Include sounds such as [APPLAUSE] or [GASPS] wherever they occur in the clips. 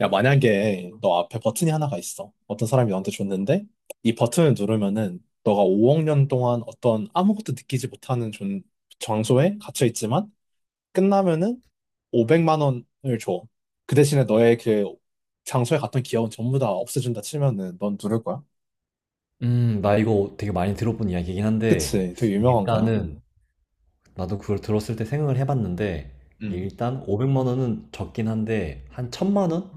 야, 만약에 너 앞에 버튼이 하나가 있어. 어떤 사람이 너한테 줬는데, 이 버튼을 누르면은 너가 5억 년 동안 어떤 아무것도 느끼지 못하는 장소에 갇혀 있지만, 끝나면은 500만 원을 줘. 그 대신에 너의 그 장소에 갔던 기억은 전부 다 없애준다 치면은 넌 누를 거야. 나 이거 되게 많이 들어본 이야기긴 한데, 그치? 되게 유명한 거야. 일단은, 나도 그걸 들었을 때 생각을 해봤는데, 음. 일단 500만 원은 적긴 한데, 한 천만 원?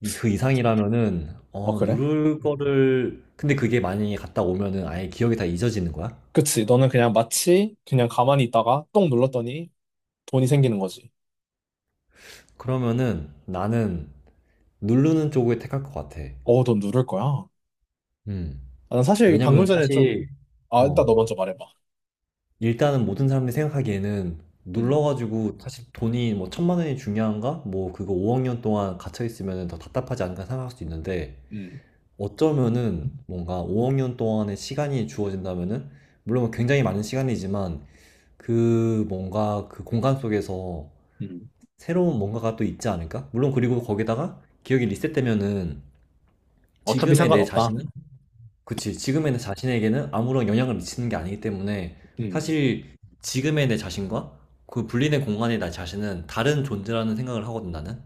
그 이상이라면은, 어, 그래? 근데 그게 만약에 갔다 오면은 아예 기억이 다 잊어지는 거야? 그치? 너는 그냥 마치 그냥 가만히 있다가 똥 눌렀더니 돈이 생기는 거지. 그러면은 나는 누르는 쪽을 택할 것 같아. 어, 넌 누를 거야. 음, 아, 난 사실 방금 왜냐면 전에 좀, 사실, 아, 일단 어, 너 먼저 말해봐. 일단은 모든 사람들이 생각하기에는 음, 눌러가지고 사실 돈이 뭐 천만 원이 중요한가? 뭐 그거 5억 년 동안 갇혀있으면 더 답답하지 않을까 생각할 수도 있는데 음, 어쩌면은 뭔가 5억 년 동안의 시간이 주어진다면은 물론 뭐 굉장히 많은 시간이지만 그 뭔가 그 공간 속에서 음. 새로운 뭔가가 또 있지 않을까? 물론 그리고 거기다가 기억이 리셋되면은 어차피 지금의 내 상관없다. 자신은 그치. 지금의 내 자신에게는 아무런 영향을 미치는 게 아니기 때문에 음. 사실 지금의 내 자신과 그 분리된 공간의 나 자신은 다른 존재라는 생각을 하거든, 나는.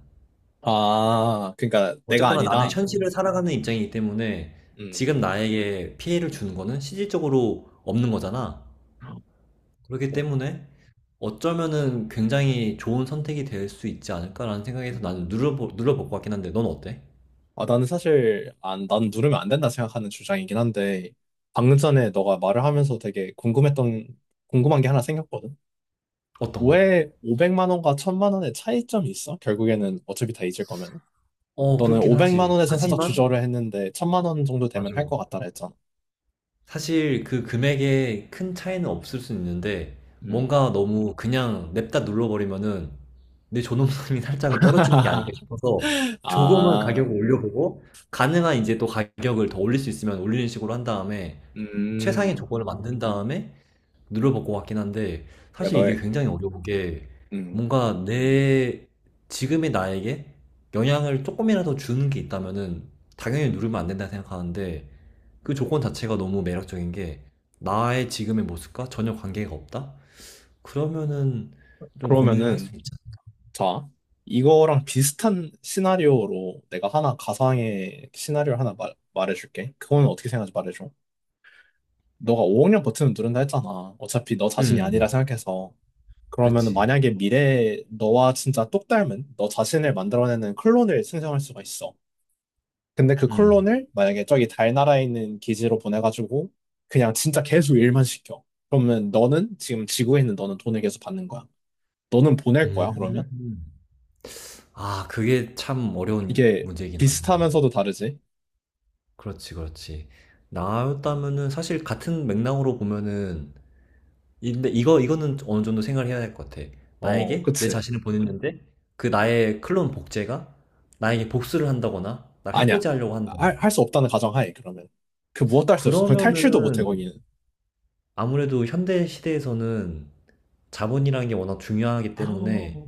아, 그러니까 내가 어쨌거나 나는 아니다. 현실을 살아가는 입장이기 때문에 음. 지금 나에게 피해를 주는 거는 실질적으로 없는 거잖아. 그렇기 뭐, 때문에 어쩌면은 굉장히 좋은 선택이 될 수 있지 않을까라는 생각에서 나는 음. 눌러볼 것 같긴 한데, 넌 어때? 아, 나는 사실, 안, 난 누르면 안 된다 생각하는 주장이긴 한데, 방금 전에 너가 말을 하면서 되게 궁금했던, 궁금한 게 하나 생겼거든. 어떤 거? 왜 500만 원과 1000만 원의 차이점이 있어? 결국에는 어차피 다 잊을 거면. 어, 너는 그렇긴 500만 하지. 원에선 살짝 하지만, 주저를 했는데, 1000만 원 정도 되면 맞아. 할 것 같다 했잖아. 사실 그 금액에 큰 차이는 없을 수 있는데 음. 뭔가 너무 그냥 냅다 눌러버리면은 내 존엄성이 [LAUGHS] 살짝은 떨어지는 게 아닐까 싶어서 [LAUGHS] 조금은 가격을 아, 올려보고 가능한 이제 또 가격을 더 올릴 수 있으면 올리는 식으로 한 다음에 최상의 음, 조건을 만든 다음에 눌러먹고 왔긴 한데 야, 사실 이게 너의, 굉장히 어려운 게 음, 뭔가 내 지금의 나에게 영향을 조금이라도 주는 게 있다면은 당연히 누르면 안 된다 생각하는데 그 조건 자체가 너무 매력적인 게 나의 지금의 모습과 전혀 관계가 없다? 그러면은 좀 고민을 할 수 그러면은, 있잖아. 자, 이거랑 비슷한 시나리오로 내가 하나, 가상의 시나리오를 하나 말해줄게. 그거는 어떻게 생각하지 말해줘. 너가 5억 년 버튼을 누른다 했잖아. 어차피 너 자신이 아니라 음, 생각해서. 그러면은 그치. 만약에 미래에 너와 진짜 똑 닮은 너 자신을 만들어내는 클론을 생성할 수가 있어. 근데 그 음. 콜론을 만약에 저기 달나라에 있는 기지로 보내가지고 그냥 진짜 계속 일만 시켜. 그러면 너는 지금 지구에 있는 너는 돈을 계속 받는 거야. 너는 보낼 거야, 음. 그러면? 아, 그게 참 어려운 이게 문제긴 하다. 비슷하면서도 다르지? 그렇지, 그렇지. 나였다면은 사실 같은 맥락으로 보면은 근데 이거는 어느 정도 생각을 해야 될 것 같아. 어, 만약에 내 그치. 자신을 보냈는데 그 나의 클론 복제가 나에게 복수를 한다거나 날 아니야. 해코지 하려고 한다. 할 수 없다는 가정하에, 그러면. 그 무엇도 할 수 없어. 거기 탈출도 못해, 그러면은 거기는. 아무래도 현대 시대에서는 자본이라는 게 워낙 중요하기 [GASPS] 아, 때문에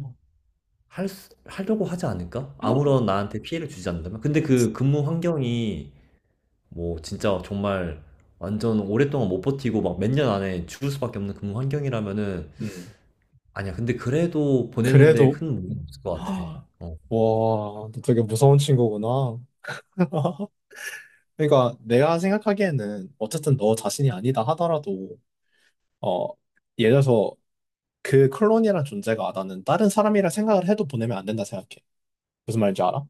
하려고 하지 않을까? 아무런 나한테 피해를 주지 않는다면? 근데 그 근무 환경이 뭐 진짜 정말 완전 오랫동안 못 버티고 막 몇 년 안에 죽을 수밖에 없는 근무 환경이라면은 음. 아니야. 근데 그래도 보내는데 그래도, 큰 무리는 없을 [GASPS] 것 같아. 아, 어, 와, 너 되게 무서운 친구구나. [LAUGHS] 그러니까 내가 생각하기에는 어쨌든 너 자신이 아니다 하더라도 어, 예를 들어서 그 콜론이라는 존재가 나는 다른 사람이라 생각을 해도 보내면 안 된다 생각해. 무슨 말인지 알아?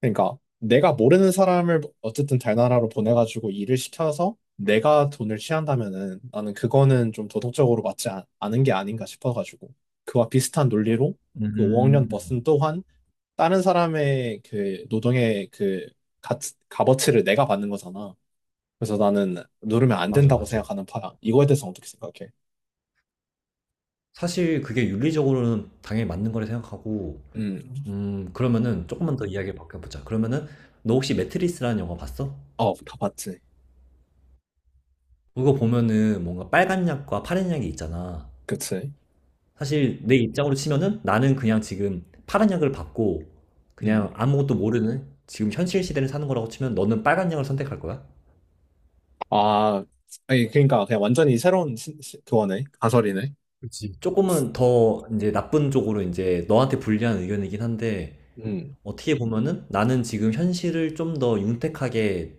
그러니까 내가 모르는 사람을 어쨌든 달나라로 보내가지고 일을 시켜서 내가 돈을 취한다면은 나는 그거는 좀 도덕적으로 맞지 않, 은게 아닌가 싶어가지고 그와 비슷한 논리로 그 5억 년 음, 버슨 또한 다른 사람의 그 노동의 그 가, 값어치를 내가 받는 거잖아. 그래서 나는 누르면 안 맞아, 된다고 맞아. 생각하는 파야. 이거에 대해서 어떻게 생각해? 사실 그게 윤리적으로는 당연히 맞는 거라 생각하고, 음, 그러면은 조금만 더 이야기를 바꿔보자. 그러면은 너 혹시 매트리스라는 영화 봤어? 어, 다 봤지. 그거 보면은 뭔가 빨간 약과 파란 약이 있잖아. 그치. 사실 내 입장으로 치면은 나는 그냥 지금 파란 약을 받고 그냥 음. 아무것도 모르는 지금 현실 시대를 사는 거라고 치면 너는 빨간 약을 선택할 거야? 아, 아니, 그러니까 그냥 완전히 새로운 시, 시- 그거네. 가설이네. 조금은 더 이제 나쁜 쪽으로 이제 너한테 불리한 의견이긴 한데 음. 어떻게 보면은 나는 지금 현실을 좀 더 윤택하게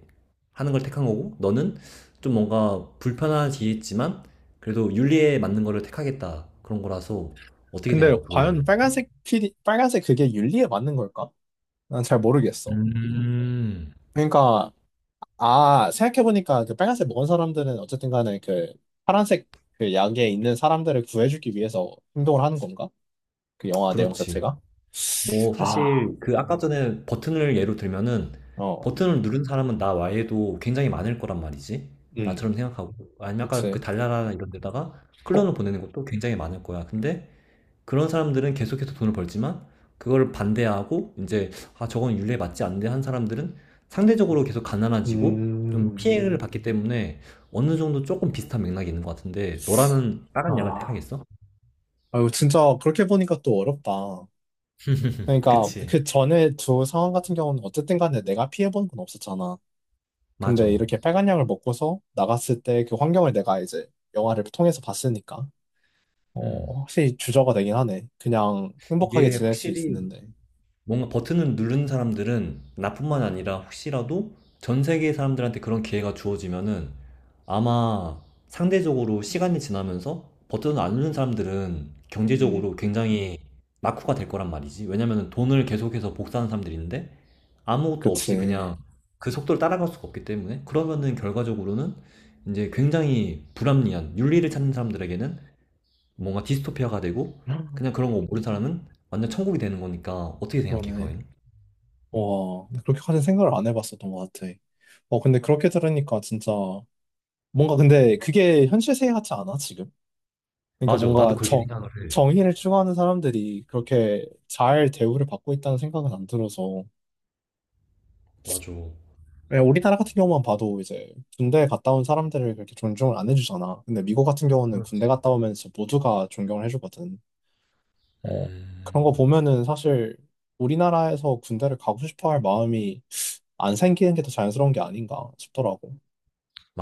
하는 걸 택한 거고 너는 좀 뭔가 불편하겠지만 그래도 윤리에 맞는 거를 택하겠다 그런 거라서 어떻게 생각해? 근데 그거에 과연 관련. 빨간색 필이, 빨간색 그게 윤리에 맞는 걸까? 난 잘 모르겠어. 음. 그러니까, 아, 생각해보니까 그 빨간색 먹은 사람들은 어쨌든 간에 그 파란색 그 약에 있는 사람들을 구해주기 위해서 행동을 하는 건가? 그 영화 내용 그렇지. 자체가? 뭐 아, 사실 그 아까 전에 버튼을 예로 들면은 어, 버튼을 누른 사람은 나 외에도 굉장히 많을 거란 말이지. 음, 나처럼 생각하고 아니면 아까 그 그치. 달나라 이런 데다가 클론을 보내는 것도 굉장히 많을 거야. 근데 그런 사람들은 계속해서 돈을 벌지만 그걸 반대하고 이제 아 저건 윤리에 맞지 않는데 한 사람들은 상대적으로 계속 가난해지고 좀 음, 피해를 받기 때문에 어느 정도 조금 비슷한 맥락이 있는 것 같은데 너라면 다른 약을 아, 택하겠어? 아유, 진짜 그렇게 보니까 또 어렵다. 그러니까 그치. 그 전에 두 상황 같은 경우는 어쨌든 간에 내가 피해본 건 없었잖아. 맞아. 근데 이렇게 빨간약을 먹고서 나갔을 때 그 환경을 내가 이제 영화를 통해서 봤으니까 음. 어, 확실히 주저가 되긴 하네. 그냥 행복하게 이게 지낼 수 확실히 있었는데. 뭔가 버튼을 누른 사람들은 나뿐만 아니라 혹시라도 전 세계 사람들한테 그런 기회가 주어지면은 아마 상대적으로 시간이 지나면서 버튼을 안 누른 사람들은 음, 경제적으로 굉장히 낙후가 될 거란 말이지. 왜냐면은 돈을 계속해서 복사하는 사람들인데 아무것도 없이 그치. 그냥 그 속도를 따라갈 수가 없기 때문에 그러면은 결과적으로는 이제 굉장히 불합리한 윤리를 찾는 사람들에게는 뭔가 디스토피아가 되고 그냥 그런 거 모르는 사람은 완전 천국이 되는 거니까 어떻게 생각해 그러네. 그거는? 와, 그렇게까지 생각을 안 해봤었던 것 같아. 어, 근데 그렇게 들으니까 진짜 뭔가 근데 그게 현실 세계 같지 않아, 지금? 그러니까 맞아. 나도 뭔가 그렇게 생각을 해. 정의를 추구하는 사람들이 그렇게 잘 대우를 받고 있다는 생각은 안 들어서 맞아. 왜 우리나라 같은 경우만 봐도 이제 군대 갔다 온 사람들을 그렇게 존중을 안 해주잖아. 근데 미국 같은 경우는 군대 그렇지. 갔다 오면서 모두가 존경을 해주거든. 어, 음, 그런 거 보면은 사실 우리나라에서 군대를 가고 싶어 할 마음이 안 생기는 게 더 자연스러운 게 아닌가 싶더라고.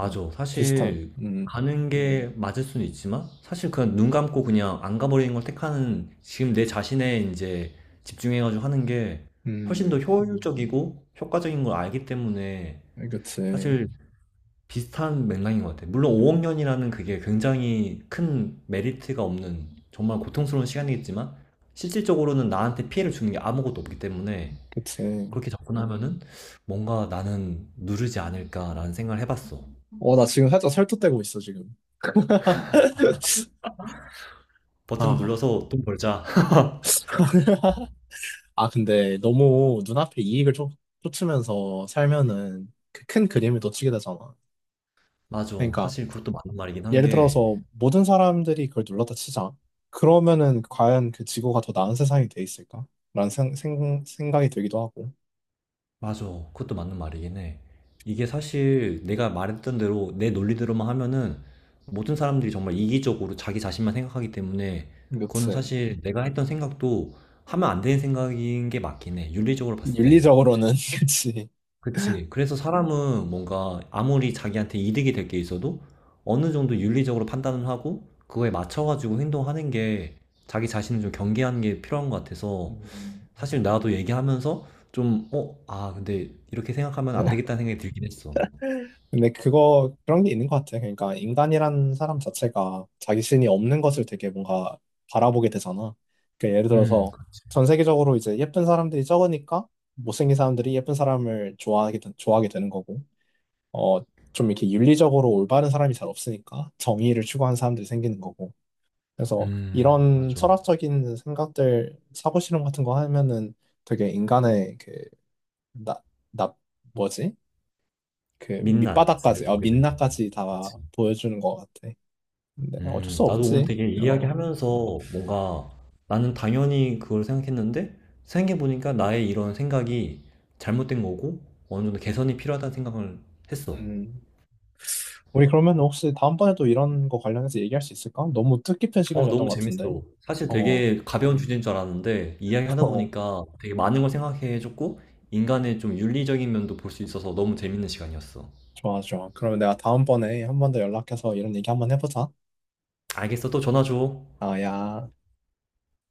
네. 비슷한, 사실 가는 게 맞을 수는 있지만 사실 그냥 눈 감고 그냥 안 가버리는 걸 택하는 지금 내 자신에 이제 집중해가지고 하는 게 훨씬 더 음, 효율적이고 효과적인 걸 알기 때문에 그치, 사실 비슷한 맥락인 것 같아. 물론 5억 년이라는 그게 굉장히 큰 메리트가 없는 정말 고통스러운 시간이겠지만 실질적으로는 나한테 피해를 주는 게 아무것도 없기 때문에 그치. 그렇게 접근하면은 뭔가 나는 누르지 않을까라는 생각을 해봤어. 어, 나 지금 살짝 설득되고 있어, 지금. [LAUGHS] 버튼 아. 눌러서 돈 벌자. [LAUGHS] 아, 근데 너무 눈앞에 이익을 쫓으면서 살면은 그 큰 그림을 놓치게 되잖아. 맞아. 그러니까 사실 그것도 맞는 말이긴 한 예를 게, 들어서 모든 사람들이 그걸 눌렀다 치자. 그러면은 과연 그 지구가 더 나은 세상이 돼 있을까? 라는 생각이 들기도 하고. 맞아. 그것도 맞는 말이긴 해. 이게 사실 내가 말했던 대로 내 논리대로만 하면은 모든 사람들이 정말 이기적으로 자기 자신만 생각하기 때문에 그거는 그치. 사실 내가 했던 생각도 하면 안 되는 생각인 게 맞긴 해. 윤리적으로 봤을 때는. 윤리적으로는, [LAUGHS] 그치. 그치. 그래서 사람은 뭔가 아무리 자기한테 이득이 될 게 있어도 어느 정도 윤리적으로 판단을 하고 그거에 맞춰가지고 행동하는 게 자기 자신을 좀 경계하는 게 필요한 것 같아서 음, 사실 나도 얘기하면서 좀, 아, 근데 이렇게 생각하면 안 되겠다는 생각이 들긴 했어. 근데 그거 그런 게 있는 것 같아. 그러니까 인간이란 사람 자체가 자기 신이 없는 것을 되게 뭔가 바라보게 되잖아. 그러니까 예를 들어서 그렇지. 전 세계적으로 이제 예쁜 사람들이 적으니까 못생긴 사람들이 예쁜 사람을 좋아하게 되는 거고, 어, 좀 이렇게 윤리적으로 올바른 사람이 잘 없으니까 정의를 추구하는 사람들이 생기는 거고. 그래서 이런 맞아. 철학적인 생각들 사고 실험 같은 거 하면은 되게 인간의 그 나, 나 뭐지? 그 민낯을 밑바닥까지, 어, 보게 됐는데. 민낯까지 다 보여주는 것 같아. 근데 어쩔 수 나도 오늘 없지. 되게 어, 이야기하면서 뭔가 나는 당연히 그걸 생각했는데 생각해보니까 나의 이런 생각이 잘못된 거고 어느 정도 개선이 필요하다는 생각을 했어. 음. 우리 그러면 혹시 다음번에도 이런 거 관련해서 얘기할 수 있을까? 너무 뜻깊은 어, 시간이었던 너무 것 같은데. 재밌어. 사실 어, 되게 가벼운 주제인 줄 알았는데 [LAUGHS] 이야기하다 어, 보니까 되게 많은 걸 생각해줬고 인간의 좀 윤리적인 면도 볼 수 있어서 너무 재밌는 시간이었어. 좋아, 좋아. 그러면 내가 다음번에 한 번 더 연락해서 이런 얘기 한번 해보자. 알겠어. 또 전화 줘. 아, 야.